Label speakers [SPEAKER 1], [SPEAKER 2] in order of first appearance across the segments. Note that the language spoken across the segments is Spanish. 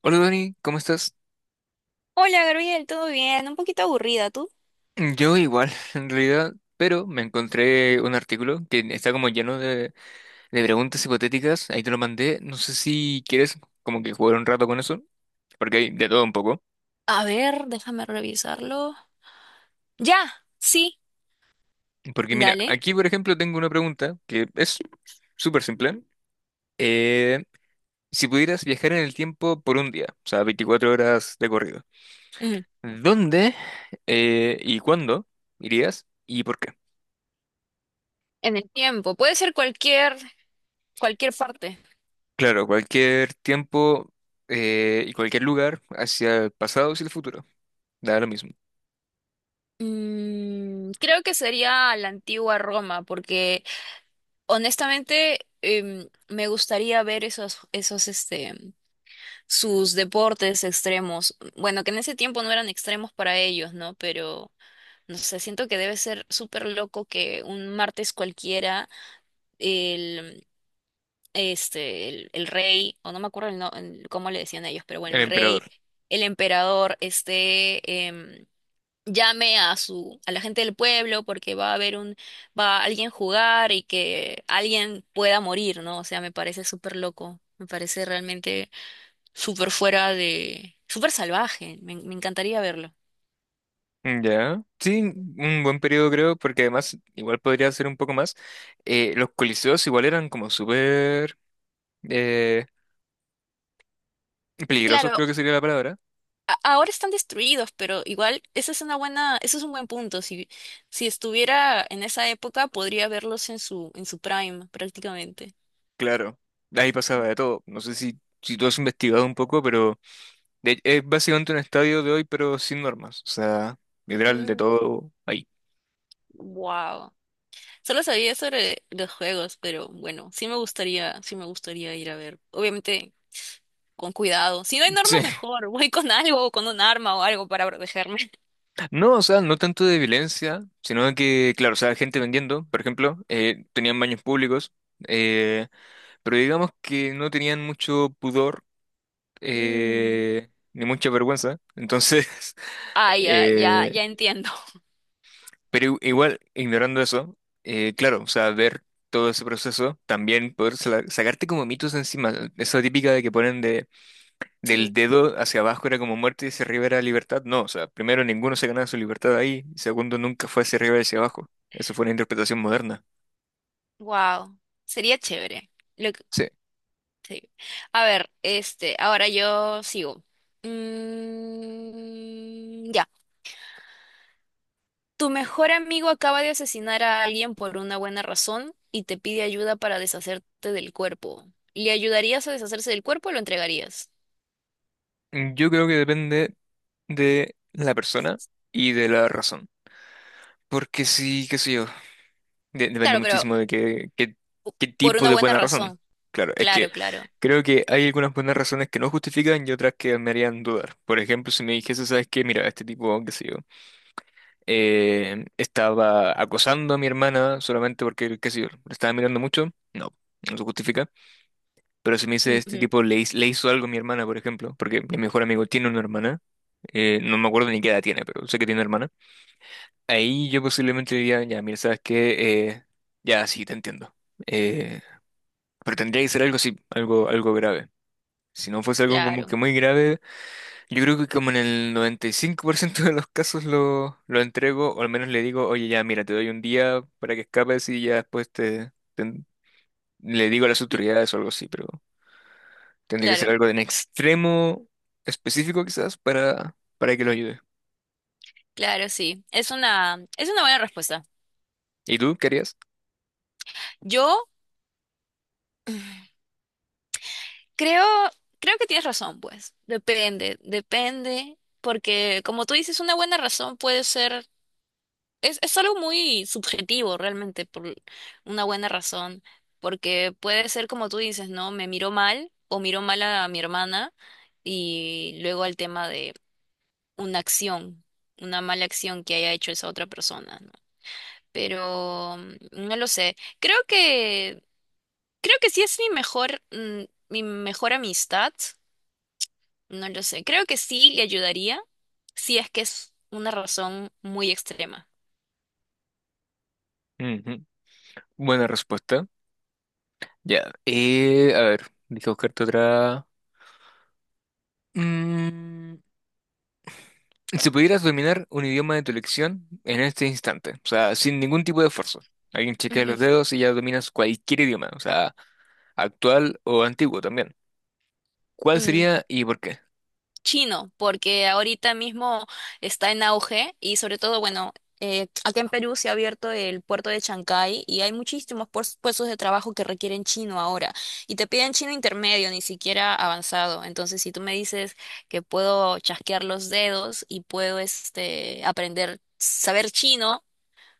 [SPEAKER 1] Hola Dani, ¿cómo estás?
[SPEAKER 2] Hola Gabriel, ¿todo bien? Un poquito aburrida, ¿tú?
[SPEAKER 1] Yo igual, en realidad, pero me encontré un artículo que está como lleno de preguntas hipotéticas, ahí te lo mandé, no sé si quieres como que jugar un rato con eso, porque hay de todo un poco.
[SPEAKER 2] A ver, déjame revisarlo. Ya, sí,
[SPEAKER 1] Porque mira,
[SPEAKER 2] dale.
[SPEAKER 1] aquí por ejemplo tengo una pregunta que es súper simple. Eh, si pudieras viajar en el tiempo por un día, o sea, 24 horas de corrido,
[SPEAKER 2] Ujú.
[SPEAKER 1] ¿dónde y cuándo irías y por qué?
[SPEAKER 2] En el tiempo, puede ser cualquier parte.
[SPEAKER 1] Claro, cualquier tiempo y cualquier lugar hacia el pasado y el futuro. Da lo mismo.
[SPEAKER 2] Mm, creo que sería la antigua Roma, porque honestamente me gustaría ver esos, sus deportes extremos. Bueno, que en ese tiempo no eran extremos para ellos, ¿no? Pero, no sé, siento que debe ser súper loco que un martes cualquiera el rey, o no me acuerdo el no- el- cómo le decían ellos, pero bueno,
[SPEAKER 1] El
[SPEAKER 2] el rey,
[SPEAKER 1] emperador.
[SPEAKER 2] el emperador, llame a la gente del pueblo porque va a alguien a jugar y que alguien pueda morir, ¿no? O sea, me parece súper loco, me parece realmente súper fuera de, súper salvaje, me encantaría verlo.
[SPEAKER 1] Ya. Sí, un buen periodo creo, porque además igual podría ser un poco más. Los coliseos igual eran como súper eh, peligrosos,
[SPEAKER 2] claro
[SPEAKER 1] creo que sería la palabra.
[SPEAKER 2] a- Ahora están destruidos, pero igual esa es una buena, ese es un buen punto. Si, si estuviera en esa época, podría verlos en su prime, prácticamente.
[SPEAKER 1] Claro, ahí pasaba de todo. No sé si tú has investigado un poco, pero es básicamente un estadio de hoy, pero sin normas. O sea, literal de
[SPEAKER 2] Mm,
[SPEAKER 1] todo ahí.
[SPEAKER 2] wow. Solo sabía sobre los juegos, pero bueno, sí me gustaría ir a ver. Obviamente, con cuidado. Si no hay normas,
[SPEAKER 1] Sí.
[SPEAKER 2] mejor. Voy con algo, o con un arma o algo para protegerme.
[SPEAKER 1] No, o sea, no tanto de violencia, sino que, claro, o sea, gente vendiendo, por ejemplo, tenían baños públicos, eh, pero digamos que no tenían mucho pudor
[SPEAKER 2] Mm.
[SPEAKER 1] ni mucha vergüenza. Entonces,
[SPEAKER 2] Ah, ya, ya,
[SPEAKER 1] eh,
[SPEAKER 2] ya entiendo.
[SPEAKER 1] pero igual, ignorando eso, claro, o sea, ver todo ese proceso, también poder sacarte como mitos encima, esa típica de que ponen de del
[SPEAKER 2] Sí,
[SPEAKER 1] dedo hacia abajo era como muerte y hacia arriba era libertad. No, o sea, primero ninguno se ganaba su libertad ahí, y segundo nunca fue hacia arriba y hacia abajo. Eso fue una interpretación moderna.
[SPEAKER 2] wow. Sería chévere.
[SPEAKER 1] Sí.
[SPEAKER 2] Sí. A ver, ahora yo sigo. Mm, ya. Tu mejor amigo acaba de asesinar a alguien por una buena razón y te pide ayuda para deshacerte del cuerpo. ¿Le ayudarías a deshacerse del cuerpo o lo entregarías?
[SPEAKER 1] Mm, yo creo que depende de la persona y de la razón. Porque sí, qué sé yo, depende
[SPEAKER 2] Claro, pero
[SPEAKER 1] muchísimo de qué
[SPEAKER 2] por
[SPEAKER 1] tipo
[SPEAKER 2] una
[SPEAKER 1] de
[SPEAKER 2] buena
[SPEAKER 1] buena razón.
[SPEAKER 2] razón.
[SPEAKER 1] Claro, es que
[SPEAKER 2] Claro, claro.
[SPEAKER 1] creo que hay algunas buenas razones que no justifican y otras que me harían dudar. Por ejemplo, si me dijese, ¿sabes qué? Mira, este tipo, qué sé yo. Estaba acosando a mi hermana solamente porque, qué sé yo, le estaba mirando mucho, no, no se justifica. Pero si me dice este
[SPEAKER 2] Ujú,
[SPEAKER 1] tipo le, le hizo algo a mi hermana, por ejemplo, porque mi mejor amigo tiene una hermana, no me acuerdo ni qué edad tiene, pero sé que tiene una hermana, ahí yo posiblemente diría, ya, mira, ¿sabes qué? Ya, sí, te entiendo. Eh, pero tendría que ser algo así, algo grave. Si no fuese algo como
[SPEAKER 2] claro,
[SPEAKER 1] que muy grave, yo creo que como en el 95% de los casos lo entrego, o al menos le digo, oye, ya, mira, te doy un día para que escapes y ya después le digo a las autoridades o algo así, pero tendría que ser
[SPEAKER 2] claro,
[SPEAKER 1] algo de un extremo específico quizás para que lo ayude.
[SPEAKER 2] claro, sí. Es una buena respuesta.
[SPEAKER 1] ¿Y tú qué harías?
[SPEAKER 2] Yo Creo, creo que tienes razón, pues. Depende, depende, porque como tú dices, una buena razón puede ser, es algo muy subjetivo realmente, por una buena razón, porque puede ser como tú dices, ¿no? Me miró mal o miró mal a mi hermana y luego al tema de una acción, una mala acción que haya hecho esa otra persona, ¿no? Pero no lo sé. Creo que sí es mi mejor amistad. No lo sé. Creo que sí le ayudaría si es que es una razón muy extrema.
[SPEAKER 1] Ujú. Buena respuesta. Ya. A ver, deja buscarte otra. Mm, si pudieras dominar un idioma de tu elección en este instante, o sea, sin ningún tipo de esfuerzo. Alguien chequea
[SPEAKER 2] Ujú.
[SPEAKER 1] los dedos y ya dominas cualquier idioma, o sea, actual o antiguo también. ¿Cuál
[SPEAKER 2] Mm,
[SPEAKER 1] sería y por qué?
[SPEAKER 2] chino, porque ahorita mismo está en auge y sobre todo, bueno, acá en Perú se ha abierto el puerto de Chancay y hay muchísimos puestos de trabajo que requieren chino ahora y te piden chino intermedio, ni siquiera avanzado. Entonces, si tú me dices que puedo chasquear los dedos y puedo aprender, saber chino,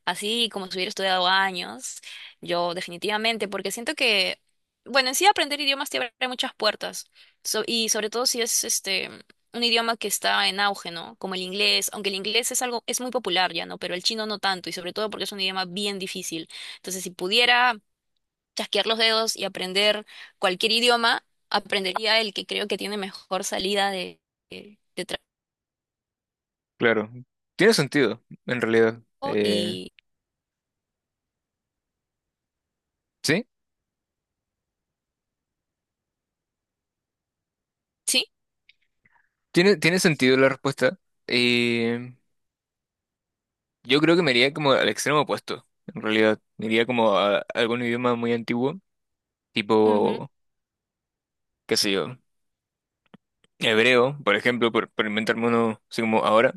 [SPEAKER 2] así como si hubiera estudiado años, yo definitivamente, porque siento que, bueno, en sí aprender idiomas te abre muchas puertas, y sobre todo si es un idioma que está en auge, ¿no? Como el inglés, aunque el inglés es algo, es muy popular ya, ¿no? Pero el chino no tanto, y sobre todo porque es un idioma bien difícil. Entonces, si pudiera chasquear los dedos y aprender cualquier idioma, aprendería el que creo que tiene mejor salida de, de
[SPEAKER 1] Claro, tiene sentido, en realidad.
[SPEAKER 2] trabajo y...
[SPEAKER 1] ¿Sí?
[SPEAKER 2] Sí,
[SPEAKER 1] Tiene, tiene sentido la respuesta. Eh, yo creo que me iría como al extremo opuesto, en realidad. Me iría como a algún idioma muy antiguo,
[SPEAKER 2] ujú,
[SPEAKER 1] tipo, qué sé yo, hebreo, por ejemplo, por inventarme uno así como ahora.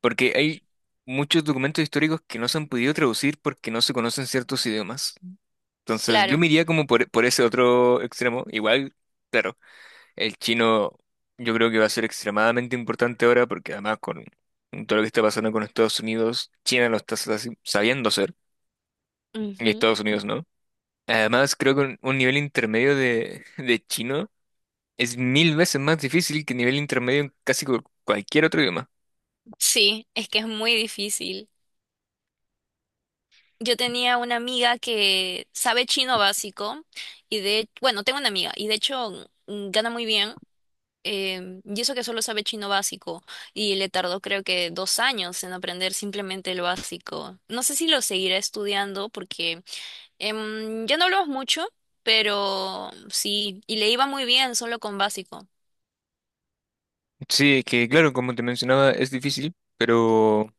[SPEAKER 1] Porque hay muchos documentos históricos que no se han podido traducir porque no se conocen ciertos idiomas. Entonces, yo
[SPEAKER 2] claro.
[SPEAKER 1] me iría como por ese otro extremo. Igual, claro, el chino yo creo que va a ser extremadamente importante ahora porque además con todo lo que está pasando con Estados Unidos, China lo está sabiendo hacer y Estados Unidos no. Además, creo que un nivel intermedio de, de chino es 1000 veces más difícil que nivel intermedio en casi cualquier otro idioma.
[SPEAKER 2] Sí, es que es muy difícil. Yo tenía una amiga que sabe chino básico bueno, tengo una amiga y de hecho gana muy bien. Y eso que solo sabe chino básico y le tardó creo que 2 años en aprender simplemente el básico. No sé si lo seguirá estudiando porque ya no hablamos mucho, pero sí, y le iba muy bien solo con básico.
[SPEAKER 1] Sí, que claro, como te mencionaba, es difícil. Pero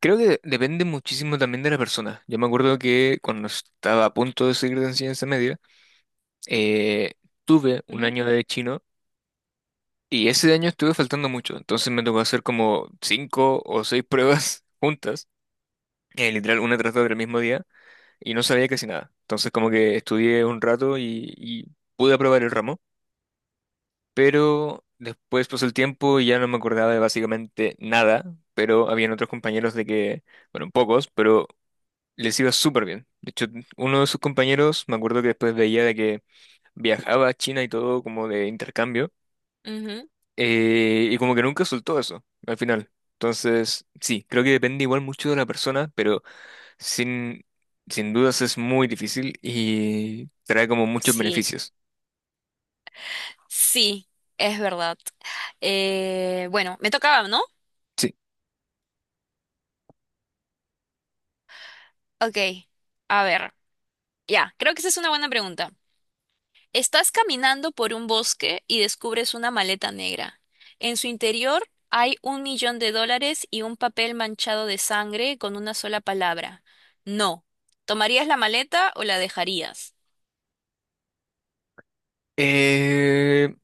[SPEAKER 1] creo que depende muchísimo también de la persona. Yo me acuerdo que cuando estaba a punto de seguir de enseñanza media, eh, tuve un
[SPEAKER 2] Ujú,
[SPEAKER 1] año de chino y ese año estuve faltando mucho. Entonces me tocó hacer como 5 o 6 pruebas juntas, literal una tras otra el mismo día, y no sabía casi nada. Entonces como que estudié un rato y pude aprobar el ramo, pero después pasó el tiempo y ya no me acordaba de básicamente nada, pero habían otros compañeros de que bueno, pocos, pero les iba súper bien. De hecho, uno de sus compañeros, me acuerdo que después veía de que viajaba a China y todo como de intercambio,
[SPEAKER 2] ujú.
[SPEAKER 1] y como que nunca soltó eso al final. Entonces, sí, creo que depende igual mucho de la persona, pero sin, sin dudas es muy difícil y trae como muchos
[SPEAKER 2] Sí,
[SPEAKER 1] beneficios.
[SPEAKER 2] sí, es verdad. Bueno, me tocaba, ¿no?
[SPEAKER 1] Sí.
[SPEAKER 2] Ok, a ver, ya, creo que esa es una buena pregunta. Estás caminando por un bosque y descubres una maleta negra. En su interior hay 1 millón de dólares y un papel manchado de sangre con una sola palabra. No. ¿Tomarías la maleta o la dejarías?
[SPEAKER 1] Eh,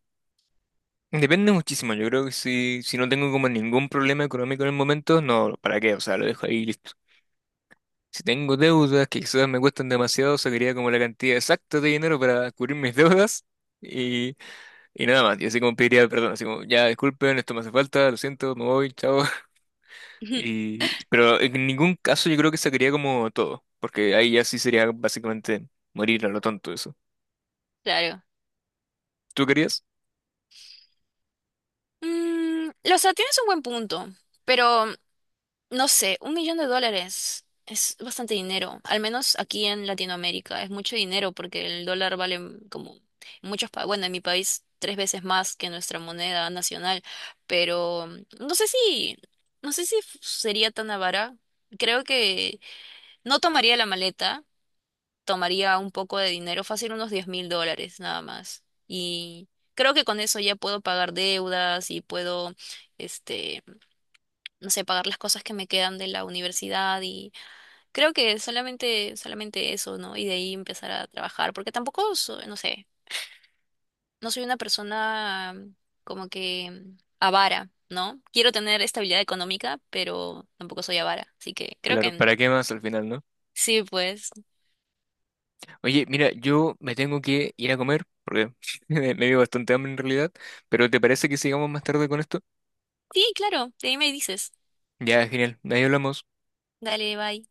[SPEAKER 1] depende muchísimo. Yo creo que si no tengo como ningún problema económico en el momento, no, ¿para qué? O sea, lo dejo ahí y listo. Si tengo deudas que quizás me cuestan demasiado, sacaría como la cantidad exacta de dinero para cubrir mis deudas y, y nada más. Y así como pediría perdón, así como, ya disculpen, esto me hace falta, lo siento, me voy, chao. Y, pero en ningún caso yo creo que sacaría como todo, porque ahí ya sí sería básicamente morir a lo tonto eso.
[SPEAKER 2] Claro.
[SPEAKER 1] ¿Tú querías?
[SPEAKER 2] Mm, o sea, tienes un buen punto, pero no sé, 1 millón de dólares es bastante dinero, al menos aquí en Latinoamérica es mucho dinero porque el dólar vale como en muchos países, bueno, en mi país tres veces más que nuestra moneda nacional, pero no sé si, no sé si sería tan avara. Creo que no tomaría la maleta, tomaría un poco de dinero, fácil unos 10,000 dólares nada más. Y creo que con eso ya puedo pagar deudas y puedo, este no sé, pagar las cosas que me quedan de la universidad y creo que solamente eso, ¿no? Y de ahí empezar a trabajar, porque tampoco, no sé, no soy una persona como que avara, ¿no? Quiero tener estabilidad económica, pero tampoco soy avara, así que creo que
[SPEAKER 1] Claro, ¿para qué más al final, no?
[SPEAKER 2] sí, pues.
[SPEAKER 1] Oye, mira, yo me tengo que ir a comer, porque me dio bastante hambre en realidad, pero ¿te parece que sigamos más tarde con esto?
[SPEAKER 2] Sí, claro, de ahí me dices.
[SPEAKER 1] Ya, genial, ahí hablamos.
[SPEAKER 2] Dale, bye.